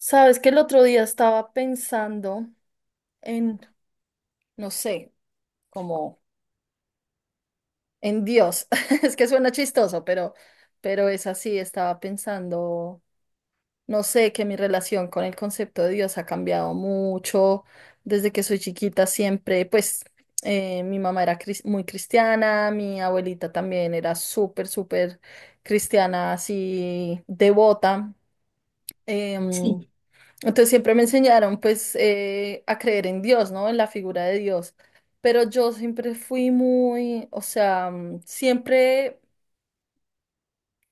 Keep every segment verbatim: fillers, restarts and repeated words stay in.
Sabes que el otro día estaba pensando en, no sé, como en Dios. Es que suena chistoso, pero, pero es así. Estaba pensando, no sé, que mi relación con el concepto de Dios ha cambiado mucho. Desde que soy chiquita siempre, pues eh, mi mamá era cris- muy cristiana, mi abuelita también era súper, súper cristiana, así devota. Em, Sí, entonces siempre me enseñaron pues eh, a creer en Dios, ¿no? En la figura de Dios. Pero yo siempre fui muy, o sea, mm, siempre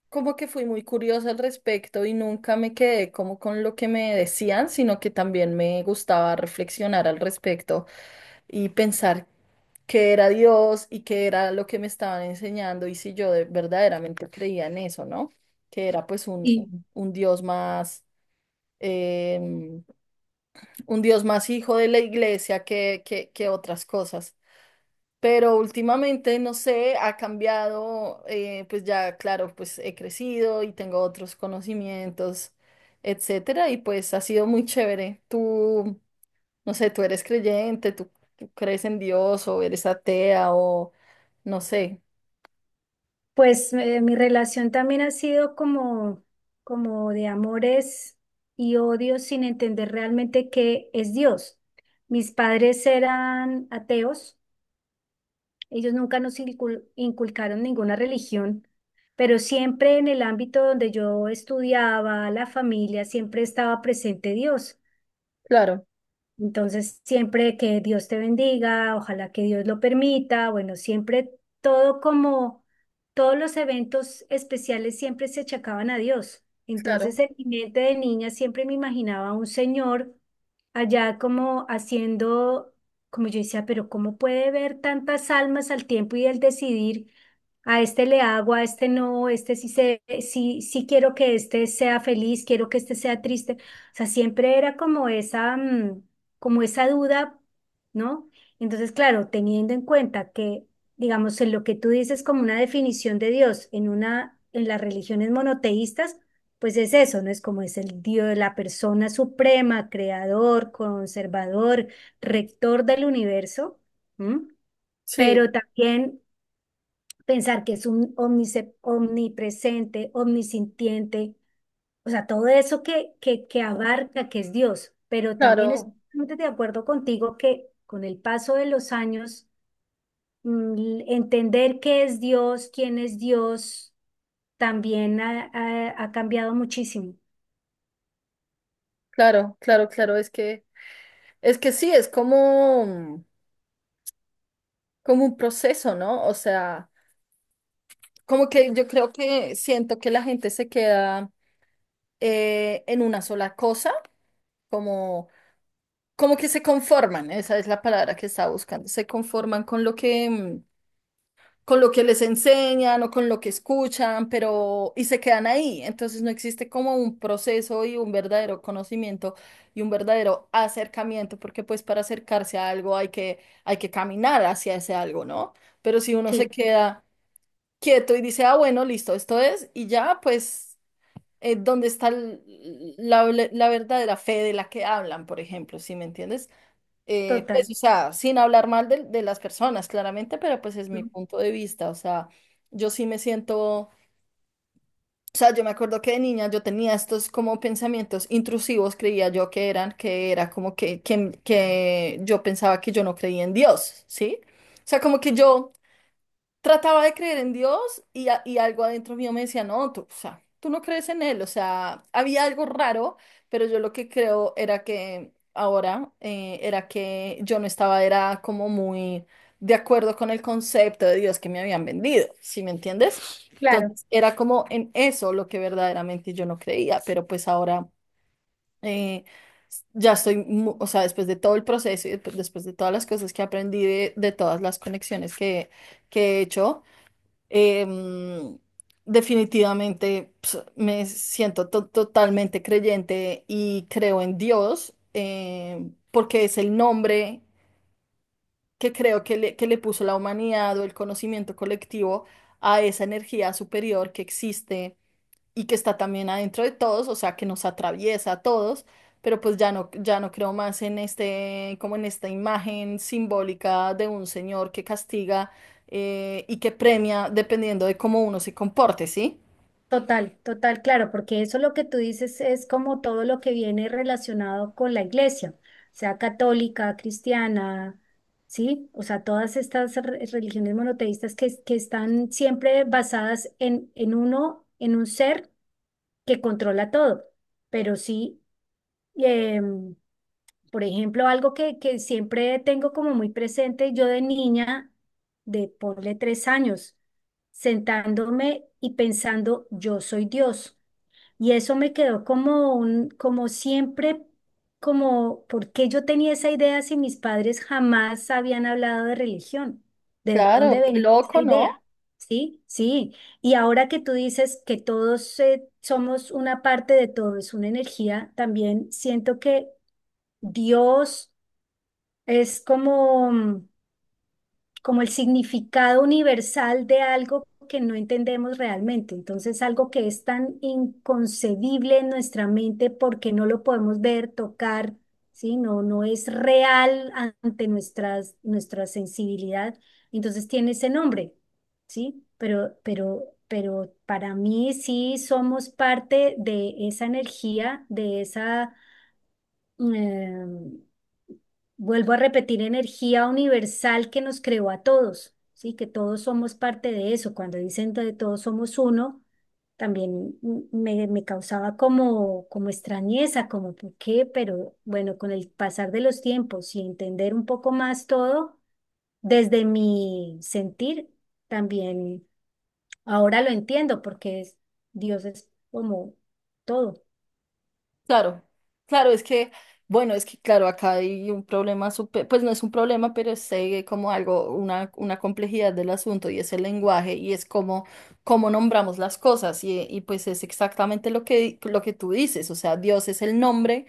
como que fui muy curiosa al respecto y nunca me quedé como con lo que me decían, sino que también me gustaba reflexionar al respecto y pensar qué era Dios y qué era lo que me estaban enseñando y si yo de- verdaderamente creía en eso, ¿no? Que era pues un, sí. un- un Dios más. em, un Dios más hijo de la iglesia que, que, que otras cosas. Pero últimamente, no sé, ha cambiado, eh, pues ya, claro, pues he crecido y tengo otros conocimientos, etcétera, y pues ha sido muy chévere. Tú, no sé, tú eres creyente, tú, tú crees en Dios o eres atea o no sé. Pues eh, mi relación también ha sido como, como de amores y odios sin entender realmente qué es Dios. Mis padres eran ateos, ellos nunca nos incul- inculcaron ninguna religión, pero siempre en el ámbito donde yo estudiaba, la familia, siempre estaba presente Dios. Claro, Entonces, siempre que Dios te bendiga, ojalá que Dios lo permita, bueno, siempre todo como todos los eventos especiales siempre se achacaban a Dios. Entonces, claro, en mi mente de niña siempre me imaginaba a un señor allá como haciendo, como yo decía, pero ¿cómo puede ver tantas almas al tiempo y el decidir, a este le hago, a este no, este sí, se, sí, sí quiero que este sea feliz, quiero que este sea triste? O sea, siempre era como esa, mm, como esa duda, ¿no? Entonces, claro, teniendo en cuenta que, digamos, en lo que tú dices como una definición de Dios, en una, en las religiones monoteístas, pues es eso, ¿no? Es como es el Dios, la persona suprema, creador, conservador, rector del universo. ¿M? sí, Pero también pensar que es un omnice- omnipresente, omnisintiente, o sea, todo eso que, que, que abarca, que es Dios, pero también estoy claro, totalmente de acuerdo contigo que con el paso de los años, mm, entender qué es Dios, quién es Dios, también ha, ha ha cambiado muchísimo. claro, claro, claro, es que, es que sí, es como, como un proceso, ¿no? O sea, como que yo creo que siento que la gente se queda eh, en una sola cosa, como, como que se conforman, esa es la palabra que estaba buscando, se conforman con lo que, mm, con lo que les enseñan o con lo que escuchan, pero y se quedan ahí. Entonces no existe como un proceso y un verdadero conocimiento y un verdadero acercamiento, porque pues para acercarse a algo hay que, hay que caminar hacia ese algo, ¿no? Pero si uno se Sí, queda quieto y dice, ah, bueno, listo, esto es, y ya, pues eh, ¿dónde está l- la, la verdadera fe de la que hablan? Por ejemplo, ¿si me entiendes? Eh, pues, total. o sea, sin hablar mal de, de las personas, claramente, pero pues es mi ¿No? punto de vista, o sea, yo sí me siento, o sea, yo me acuerdo que de niña yo tenía estos como pensamientos intrusivos, creía yo que eran, que era como que, que, que yo pensaba que yo no creía en Dios, ¿sí? O sea, como que yo trataba de creer en Dios y, a- y algo adentro mío me decía, no, tú, o sea, tú no crees en él, o sea, había algo raro, pero yo lo que creo era que ahora eh, era que yo no estaba, era como muy de acuerdo con el concepto de Dios que me habían vendido, ¿sí me entiendes? Claro, Entonces era como en eso lo que verdaderamente yo no creía, pero pues ahora eh, ya estoy, mu- o sea, después de todo el proceso y después después de todas las cosas que aprendí, de, de todas las conexiones que, que he hecho. Em, definitivamente ps, me siento to- totalmente creyente y creo en Dios, em, porque es el nombre que creo que le, que le puso la humanidad o el conocimiento colectivo a esa energía superior que existe y que está también adentro de todos, o sea, que nos atraviesa a todos, pero pues ya no, ya no creo más en este, como en esta imagen simbólica de un señor que castiga eh, y que premia dependiendo de cómo uno se comporte, ¿sí? total, total, claro, porque eso lo que tú dices es como todo lo que viene relacionado con la iglesia, sea católica, cristiana, ¿sí? O sea, todas estas re- religiones monoteístas que, que están siempre basadas en, en uno, en un ser que controla todo, pero sí. em, Por ejemplo, algo que, que siempre tengo como muy presente, yo de niña, de ponle tres años, sentándome y pensando, yo soy Dios. Y eso me quedó como un, como siempre, como, ¿por qué yo tenía esa idea si mis padres jamás habían hablado de religión? ¿De dónde Claro, qué venía esa loco, idea? ¿no? Sí, sí. Y ahora que tú dices que todos eh, somos una parte de todo, es una energía, también siento que Dios es como, mm, como el significado universal de algo que no entendemos realmente. Entonces, algo que es tan inconcebible en nuestra mente porque no lo podemos ver, tocar, ¿sí? No, no es real ante nuestras, nuestra sensibilidad. Entonces, tiene ese nombre, ¿sí? Pero, pero, pero para mí sí somos parte de esa energía, de esa, eh, vuelvo a repetir, energía universal que nos creó a todos, ¿sí? Que todos somos parte de eso. Cuando dicen de todos somos uno, también me, me causaba como, como extrañeza, como por qué, pero bueno, con el pasar de los tiempos y entender un poco más todo, desde mi sentir, también ahora lo entiendo, porque es- Dios es como todo, Claro, claro, es que, bueno, es que, claro, acá hay un problema, súper, pues no es un problema, pero es eh, como algo, una, una complejidad del asunto y es el lenguaje y es como, cómo nombramos las cosas y, y pues es exactamente lo que, lo que tú dices, o sea, Dios es el nombre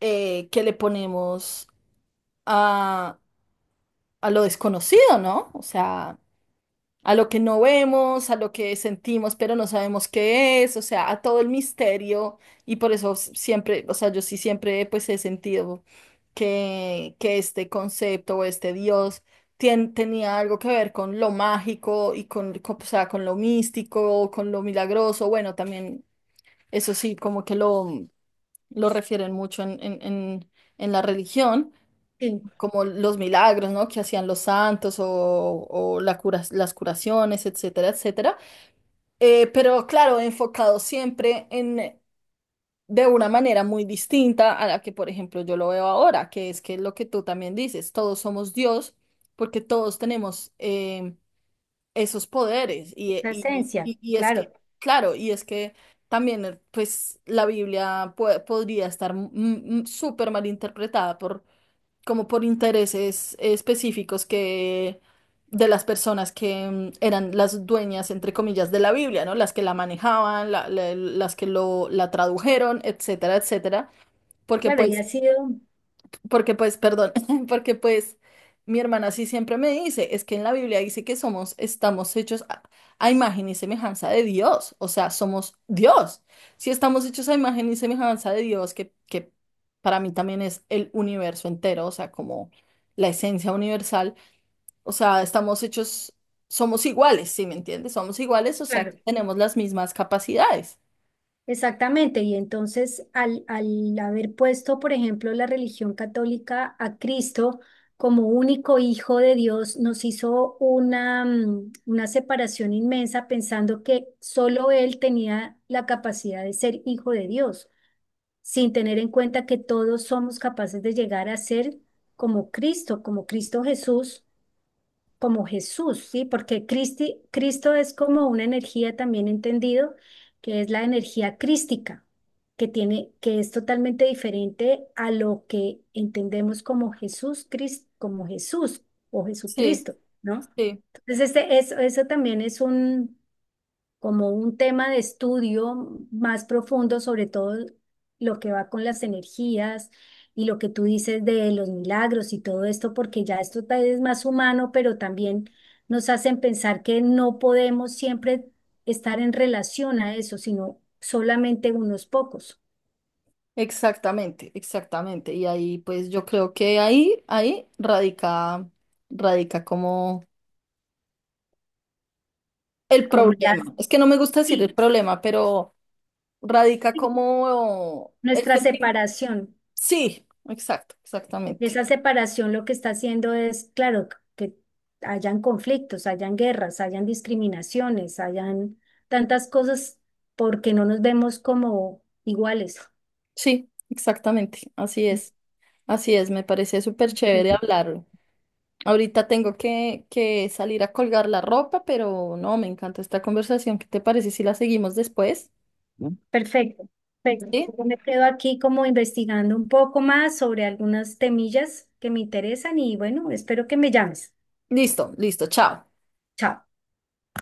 eh, que le ponemos a, a lo desconocido, ¿no? O sea, a lo que no vemos, a lo que sentimos, pero no sabemos qué es, o sea, a todo el misterio y por eso s- siempre, o sea, yo sí siempre pues he sentido que, que este concepto o este Dios tien- tenía algo que ver con lo mágico y con, co- o sea, con lo místico, con lo milagroso, bueno, también eso sí, como que lo, lo refieren mucho en, en, en en la religión, sí, como los milagros, ¿no? Que hacían los santos o, o la cura- las curaciones, etcétera, etcétera. Eh, pero claro, enfocado siempre en de una manera muy distinta a la que, por ejemplo, yo lo veo ahora, que es que lo que tú también dices, todos somos Dios porque todos tenemos eh, esos poderes y, esa y, esencia, y, y es que, claro, claro, y es que también, eh, pues, la Biblia pue- podría estar mm, mm, súper mal interpretada por, como por intereses específicos que, de las personas que, mm, eran las dueñas, entre comillas, de la Biblia, ¿no? Las que la manejaban, la- la- las que lo, la tradujeron, etcétera, etcétera, porque claro, y ha pues sido. porque pues, perdón, porque pues mi hermana sí siempre me dice, es que en la Biblia dice que somos, estamos hechos a, a imagen y semejanza de Dios, o sea, somos Dios. Si estamos hechos a imagen y semejanza de Dios, que, que para mí también es el universo entero, o sea, como la esencia universal, o sea, estamos hechos, somos iguales, ¿sí me entiendes? Somos iguales, o sea, Claro, tenemos las mismas capacidades. exactamente. Y entonces, al, al haber puesto, por ejemplo, la religión católica a Cristo como único hijo de Dios, nos hizo una, mm, una separación inmensa pensando que solo Él tenía la capacidad de ser hijo de Dios, sin tener en cuenta que todos somos capaces de llegar a ser como Cristo, como Cristo Jesús, como Jesús, ¿sí? Porque Cristi- Cristo es como una energía también entendido, que es la energía crística, que tiene, que es totalmente diferente a lo que entendemos como Jesús, Cris- como Jesús o Sí, Jesucristo, ¿no? sí. Entonces, este, eso, eso también es un, como un tema de estudio más profundo, sobre todo lo que va con las energías y lo que tú dices de los milagros y todo esto, porque ya esto tal vez es más humano, pero también nos hacen pensar que no podemos siempre estar en relación a eso, sino solamente unos pocos, Exactamente, exactamente. Y ahí, pues yo creo que ahí, ahí radica, radica como el como las, problema. Es que no me gusta decir sí, el problema, pero radica sí, como el nuestra sentir. separación. Sí, exacto, Y exactamente. esa separación lo que está haciendo es, claro, que hayan conflictos, hayan guerras, hayan discriminaciones, hayan tantas cosas porque no nos vemos como iguales. Sí, exactamente. Así es, así es. Me parece súper chévere Sí, hablarlo. Ahorita tengo que, que salir a colgar la ropa, pero no, me encanta esta conversación. ¿Qué te parece si la seguimos después? perfecto, Sí. perfecto. Yo me quedo aquí como investigando un poco más sobre algunas temillas que me interesan y bueno, espero que me llames. Listo, listo, chao. Chao.